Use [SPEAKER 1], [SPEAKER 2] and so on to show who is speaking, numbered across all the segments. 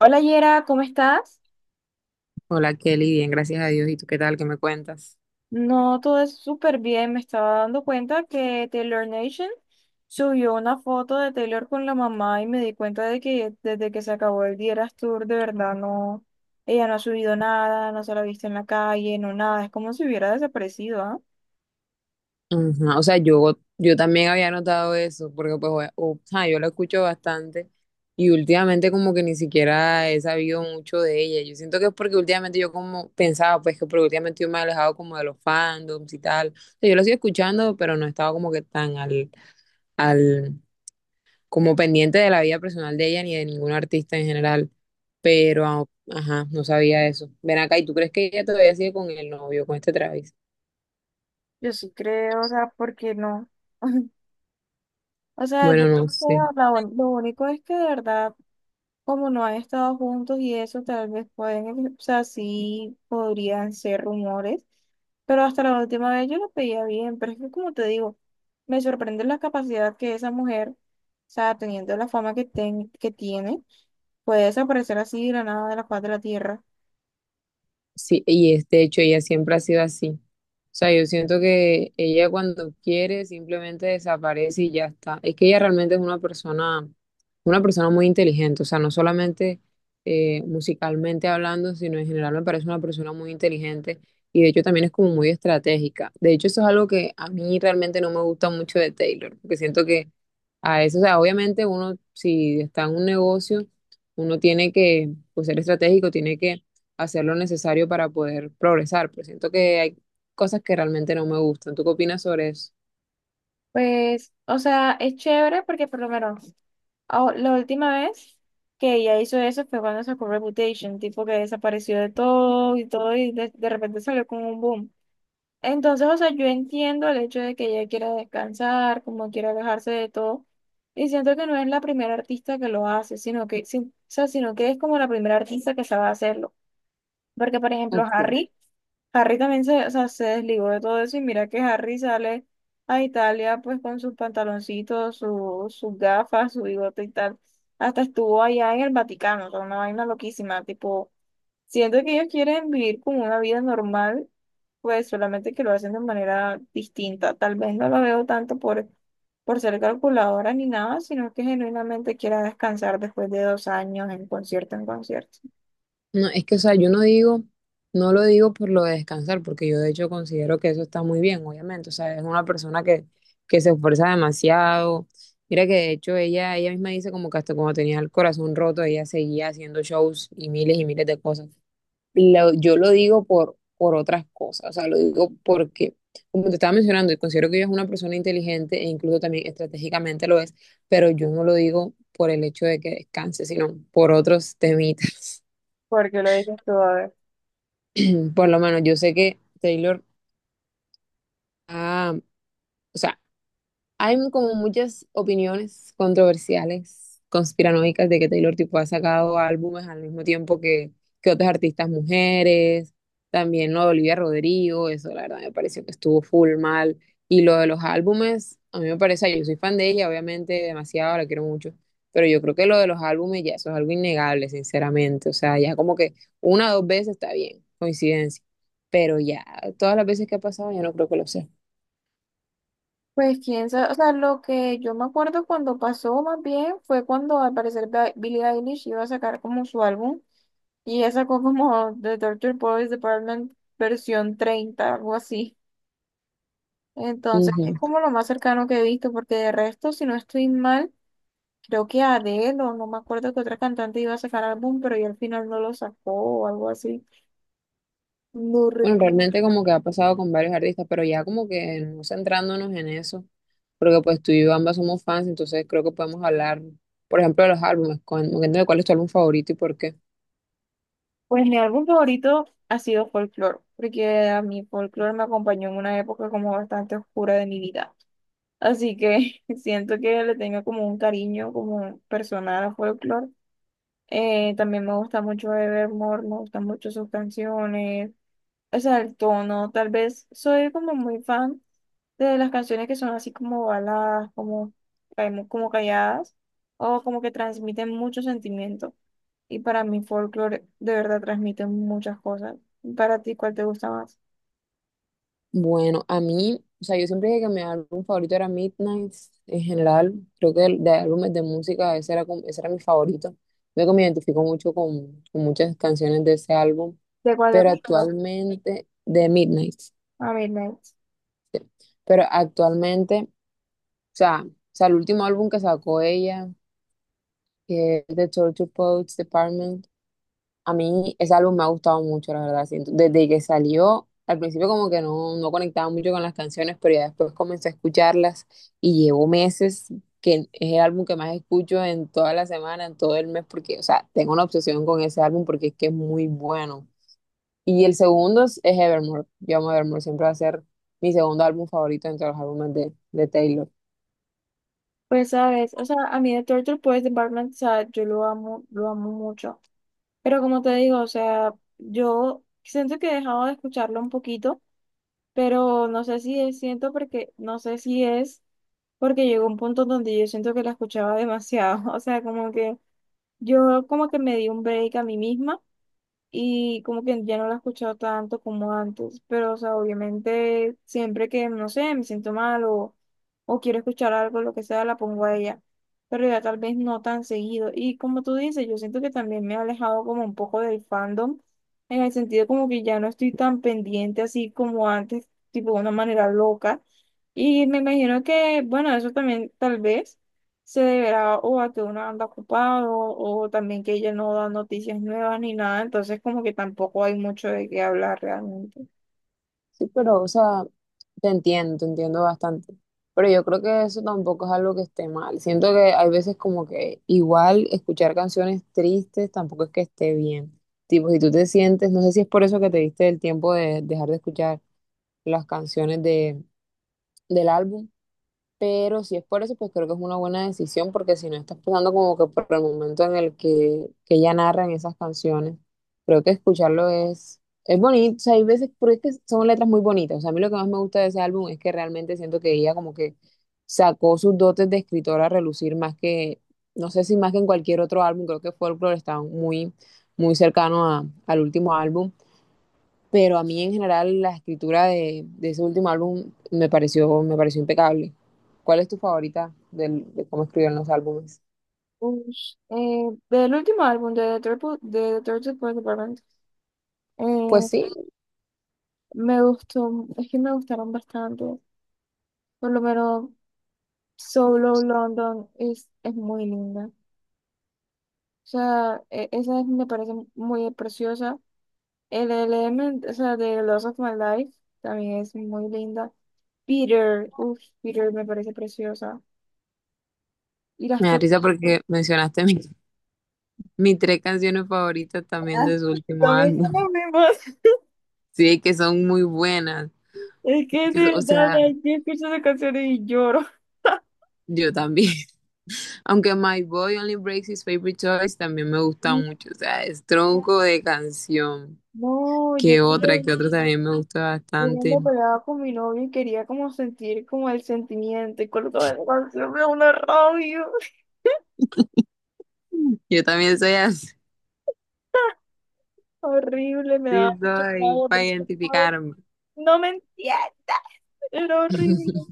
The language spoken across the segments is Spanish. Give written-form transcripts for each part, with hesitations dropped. [SPEAKER 1] Hola Yera, ¿cómo estás?
[SPEAKER 2] Hola Kelly, bien, gracias a Dios. ¿Y tú qué tal? ¿Qué me cuentas?
[SPEAKER 1] No, todo es súper bien. Me estaba dando cuenta que Taylor Nation subió una foto de Taylor con la mamá y me di cuenta de que desde que se acabó el Dieras Tour, de verdad no, ella no ha subido nada, no se la ha visto en la calle, no nada. Es como si hubiera desaparecido, ¿ah?
[SPEAKER 2] Ajá, o sea, yo también había notado eso, porque pues, o sea, yo la escucho bastante y últimamente como que ni siquiera he sabido mucho de ella. Yo siento que es porque últimamente yo como pensaba, pues que porque últimamente yo me he alejado como de los fandoms y tal. O sea, yo lo sigo escuchando, pero no estaba como que tan al, como pendiente de la vida personal de ella ni de ningún artista en general. Pero, ajá, no sabía eso. Ven acá, ¿y tú crees que ella todavía sigue con el novio, con este Travis?
[SPEAKER 1] Yo sí creo, o sea, ¿por qué no? O sea, yo
[SPEAKER 2] Bueno, no sé.
[SPEAKER 1] creo, lo único es que de verdad como no han estado juntos y eso, tal vez pueden, o sea, sí podrían ser rumores, pero hasta la última vez yo lo veía bien, pero es que como te digo, me sorprende la capacidad que esa mujer, o sea, teniendo la fama que, que tiene, puede desaparecer así de la nada de la faz de la tierra.
[SPEAKER 2] Sí, y es, de hecho ella siempre ha sido así. O sea, yo siento que ella cuando quiere simplemente desaparece y ya está. Es que ella realmente es una persona muy inteligente. O sea, no solamente musicalmente hablando, sino en general me parece una persona muy inteligente y de hecho también es como muy estratégica. De hecho, eso es algo que a mí realmente no me gusta mucho de Taylor, porque siento que a eso. O sea, obviamente uno, si está en un negocio, uno tiene que pues, ser estratégico, tiene que hacer lo necesario para poder progresar, pero siento que hay cosas que realmente no me gustan. ¿Tú qué opinas sobre eso?
[SPEAKER 1] Pues, o sea, es chévere porque por lo menos ah, la última vez que ella hizo eso fue cuando sacó Reputation, tipo que desapareció de todo y todo y de repente salió con un boom. Entonces, o sea, yo entiendo el hecho de que ella quiera descansar, como quiera alejarse de todo, y siento que no es la primera artista que lo hace, sino que, o sea, sino que es como la primera artista que sabe hacerlo. Porque, por ejemplo,
[SPEAKER 2] Ok.
[SPEAKER 1] Harry también se, o sea, se desligó de todo eso y mira que Harry sale a Italia pues con sus pantaloncitos, sus gafas, su bigote y tal. Hasta estuvo allá en el Vaticano, o sea, una vaina loquísima, tipo, siento que ellos quieren vivir como una vida normal pues solamente que lo hacen de manera distinta. Tal vez no lo veo tanto por ser calculadora ni nada, sino que genuinamente quiera descansar después de 2 años en concierto en concierto.
[SPEAKER 2] No, es que, o sea, yo no digo, no lo digo por lo de descansar, porque yo de hecho considero que eso está muy bien, obviamente. O sea, es una persona que se esfuerza demasiado. Mira que de hecho ella misma dice como que hasta cuando tenía el corazón roto, ella seguía haciendo shows y miles de cosas. Yo lo digo por otras cosas, o sea, lo digo porque, como te estaba mencionando, considero que ella es una persona inteligente e incluso también estratégicamente lo es, pero yo no lo digo por el hecho de que descanse, sino por otros temitas.
[SPEAKER 1] ¿Por qué lo dices tú? A ver.
[SPEAKER 2] Por lo menos yo sé que Taylor, ah, o sea, hay como muchas opiniones controversiales, conspiranoicas, de que Taylor tipo ha sacado álbumes al mismo tiempo que otras artistas mujeres, también lo de Olivia Rodrigo, eso la verdad me pareció que estuvo full mal. Y lo de los álbumes, a mí me parece, yo soy fan de ella, obviamente, demasiado, la quiero mucho, pero yo creo que lo de los álbumes ya eso es algo innegable, sinceramente. O sea, ya como que una o dos veces está bien, coincidencia, pero ya todas las veces que ha pasado, ya no creo que lo sea.
[SPEAKER 1] Pues quién sabe, o sea, lo que yo me acuerdo cuando pasó más bien fue cuando al parecer Billie Eilish iba a sacar como su álbum y ella sacó como The Torture Boys Department versión 30 algo así. Entonces es como lo más cercano que he visto porque de resto, si no estoy mal, creo que Adele, o no me acuerdo que otra cantante iba a sacar álbum, pero ya al final no lo sacó o algo así. No re-
[SPEAKER 2] Bueno, realmente como que ha pasado con varios artistas, pero ya como que no centrándonos en eso, porque pues tú y yo ambas somos fans, entonces creo que podemos hablar, por ejemplo, de los álbumes, de cuál es tu álbum favorito y por qué.
[SPEAKER 1] Pues mi álbum favorito ha sido Folklore, porque a mí Folklore me acompañó en una época como bastante oscura de mi vida. Así que siento que le tengo como un cariño como personal a Folklore. También me gusta mucho Evermore, me gustan mucho sus canciones. O sea, el tono, tal vez soy como muy fan de las canciones que son así como baladas, como, como calladas, o como que transmiten mucho sentimiento. Y para mí folclore de verdad transmite muchas cosas. Para ti, ¿cuál te gusta más?
[SPEAKER 2] Bueno, a mí, o sea, yo siempre dije que mi álbum favorito era Midnight, en general, creo que de álbumes de música ese era, ese era mi favorito. Creo que me identifico mucho con muchas canciones de ese álbum,
[SPEAKER 1] ¿De cuál de
[SPEAKER 2] pero
[SPEAKER 1] folclore?
[SPEAKER 2] actualmente, de Midnight,
[SPEAKER 1] A Midnight.
[SPEAKER 2] sí. Pero actualmente... O sea, el último álbum que sacó ella, que es The Torture Poets Department, a mí ese álbum me ha gustado mucho, la verdad. Siento, desde que salió, al principio como que no conectaba mucho con las canciones, pero ya después comencé a escucharlas y llevo meses que es el álbum que más escucho en toda la semana, en todo el mes, porque, o sea, tengo una obsesión con ese álbum porque es que es muy bueno. Y el segundo es Evermore. Yo amo Evermore, siempre va a ser mi segundo álbum favorito entre los álbumes de Taylor.
[SPEAKER 1] Pues sabes, o sea, a mí de Torture pues de Barman, o sea, yo lo amo mucho. Pero como te digo, o sea, yo siento que he dejado de escucharlo un poquito, pero no sé si es, siento porque, no sé si es porque llegó un punto donde yo siento que la escuchaba demasiado, o sea, como que yo como que me di un break a mí misma y como que ya no la he escuchado tanto como antes, pero o sea, obviamente siempre que, no sé, me siento mal o quiero escuchar algo, lo que sea, la pongo a ella, pero ya tal vez no tan seguido. Y como tú dices, yo siento que también me he alejado como un poco del fandom, en el sentido como que ya no estoy tan pendiente así como antes, tipo de una manera loca. Y me imagino que, bueno, eso también tal vez se deberá o a que uno anda ocupado o también que ella no da noticias nuevas ni nada, entonces como que tampoco hay mucho de qué hablar realmente.
[SPEAKER 2] Sí, pero, o sea, te entiendo bastante. Pero yo creo que eso tampoco es algo que esté mal. Siento que hay veces como que igual escuchar canciones tristes tampoco es que esté bien. Tipo, si tú te sientes, no sé si es por eso que te diste el tiempo de dejar de escuchar las canciones de, del álbum, pero si es por eso, pues creo que es una buena decisión, porque si no estás pasando como que por el momento en el que ella narra en esas canciones, creo que escucharlo es bonito. O sea, hay veces, porque es que son letras muy bonitas. O sea, a mí lo que más me gusta de ese álbum es que realmente siento que ella como que sacó sus dotes de escritora a relucir más que, no sé si más que en cualquier otro álbum, creo que Folklore está muy, muy cercano al último álbum, pero a mí en general la escritura de ese último álbum me pareció impecable. ¿Cuál es tu favorita de cómo escribieron los álbumes?
[SPEAKER 1] Ush, del último álbum de The Third Support Department,
[SPEAKER 2] Pues
[SPEAKER 1] eh,
[SPEAKER 2] sí,
[SPEAKER 1] me gustó, es que me gustaron bastante, por lo menos Solo London es muy linda. O sea, me parece muy preciosa. El Element, o sea, de Lost of My Life, también es muy linda. Peter, uff, Peter me parece preciosa. Y las
[SPEAKER 2] me da
[SPEAKER 1] tutas
[SPEAKER 2] risa porque mencionaste mis tres canciones favoritas también de su último
[SPEAKER 1] también son
[SPEAKER 2] álbum.
[SPEAKER 1] las mismas.
[SPEAKER 2] Sí, que son muy buenas.
[SPEAKER 1] Es que de
[SPEAKER 2] O
[SPEAKER 1] verdad,
[SPEAKER 2] sea,
[SPEAKER 1] ay, yo escucho esas canciones y lloro.
[SPEAKER 2] yo también. Aunque My Boy Only Breaks His Favorite Toys también me gusta
[SPEAKER 1] Y
[SPEAKER 2] mucho. O sea, es tronco de canción.
[SPEAKER 1] no,
[SPEAKER 2] Que otra también me gusta
[SPEAKER 1] yo cuando
[SPEAKER 2] bastante.
[SPEAKER 1] peleaba con mi novio y quería como sentir como el sentimiento y colocaba la canción me da una rabia
[SPEAKER 2] Yo también soy así.
[SPEAKER 1] horrible, me
[SPEAKER 2] Sí,
[SPEAKER 1] daba mucha
[SPEAKER 2] soy
[SPEAKER 1] rabia
[SPEAKER 2] para
[SPEAKER 1] porque no,
[SPEAKER 2] identificarme.
[SPEAKER 1] no me entiende, era horrible.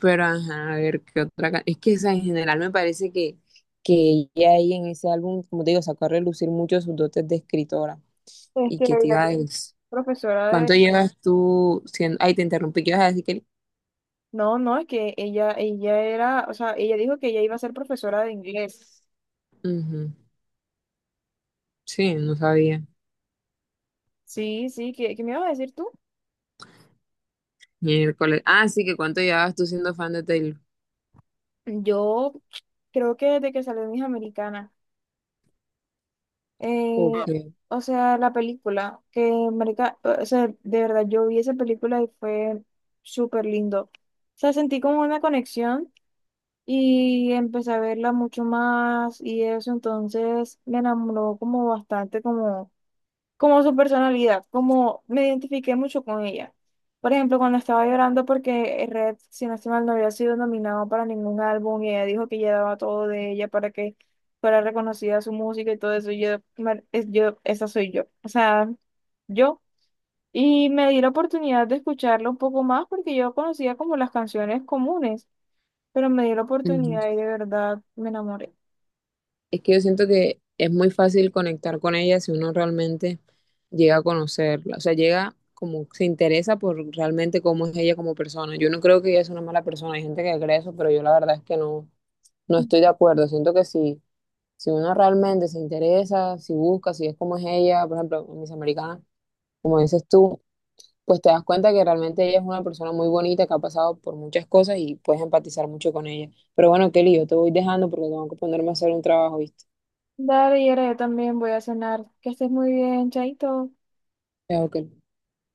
[SPEAKER 2] Pero ajá, a ver qué otra. Es que o sea, en general me parece que ella ahí en ese álbum, como te digo, sacó a relucir mucho sus dotes de escritora. Y
[SPEAKER 1] Este,
[SPEAKER 2] que
[SPEAKER 1] la
[SPEAKER 2] te iba a decir,
[SPEAKER 1] profesora.
[SPEAKER 2] ¿cuánto llevas tú siendo? Ay, te interrumpí, ¿qué ibas a decir que...
[SPEAKER 1] No, no, es que ella era, o sea, ella dijo que ella iba a ser profesora de inglés.
[SPEAKER 2] Ujú. Sí, no sabía.
[SPEAKER 1] Sí, sí, ¿qué me ibas a decir tú?
[SPEAKER 2] Miércoles. Ah, sí, que cuánto llevabas tú siendo fan de Taylor.
[SPEAKER 1] Yo creo que desde que salió mis Hija Americana, eh,
[SPEAKER 2] Ok.
[SPEAKER 1] o sea, la película, que marica, o sea, de verdad, yo vi esa película y fue súper lindo. O sea, sentí como una conexión y empecé a verla mucho más y eso, entonces me enamoró como bastante, como su personalidad, como me identifiqué mucho con ella. Por ejemplo, cuando estaba llorando porque Red, si no estoy mal, no había sido nominado para ningún álbum y ella dijo que ella daba todo de ella para que fuera reconocida su música y todo eso, yo, yo, esa soy yo, o sea, yo. Y me di la oportunidad de escucharlo un poco más porque yo conocía como las canciones comunes, pero me di la oportunidad y de verdad me enamoré.
[SPEAKER 2] Es que yo siento que es muy fácil conectar con ella si uno realmente llega a conocerla, o sea, llega como se interesa por realmente cómo es ella como persona. Yo no creo que ella es una mala persona, hay gente que cree eso, pero yo la verdad es que no, no estoy de acuerdo. Siento que si, si uno realmente se interesa, si busca, si es como es ella, por ejemplo, Miss Americana, como dices tú, pues te das cuenta que realmente ella es una persona muy bonita que ha pasado por muchas cosas y puedes empatizar mucho con ella. Pero bueno, Kelly, yo te voy dejando porque tengo que ponerme a hacer un trabajo, ¿viste?
[SPEAKER 1] Dale, y ahora yo también voy a cenar. Que estés muy bien, chaito.
[SPEAKER 2] Chao, Kelly.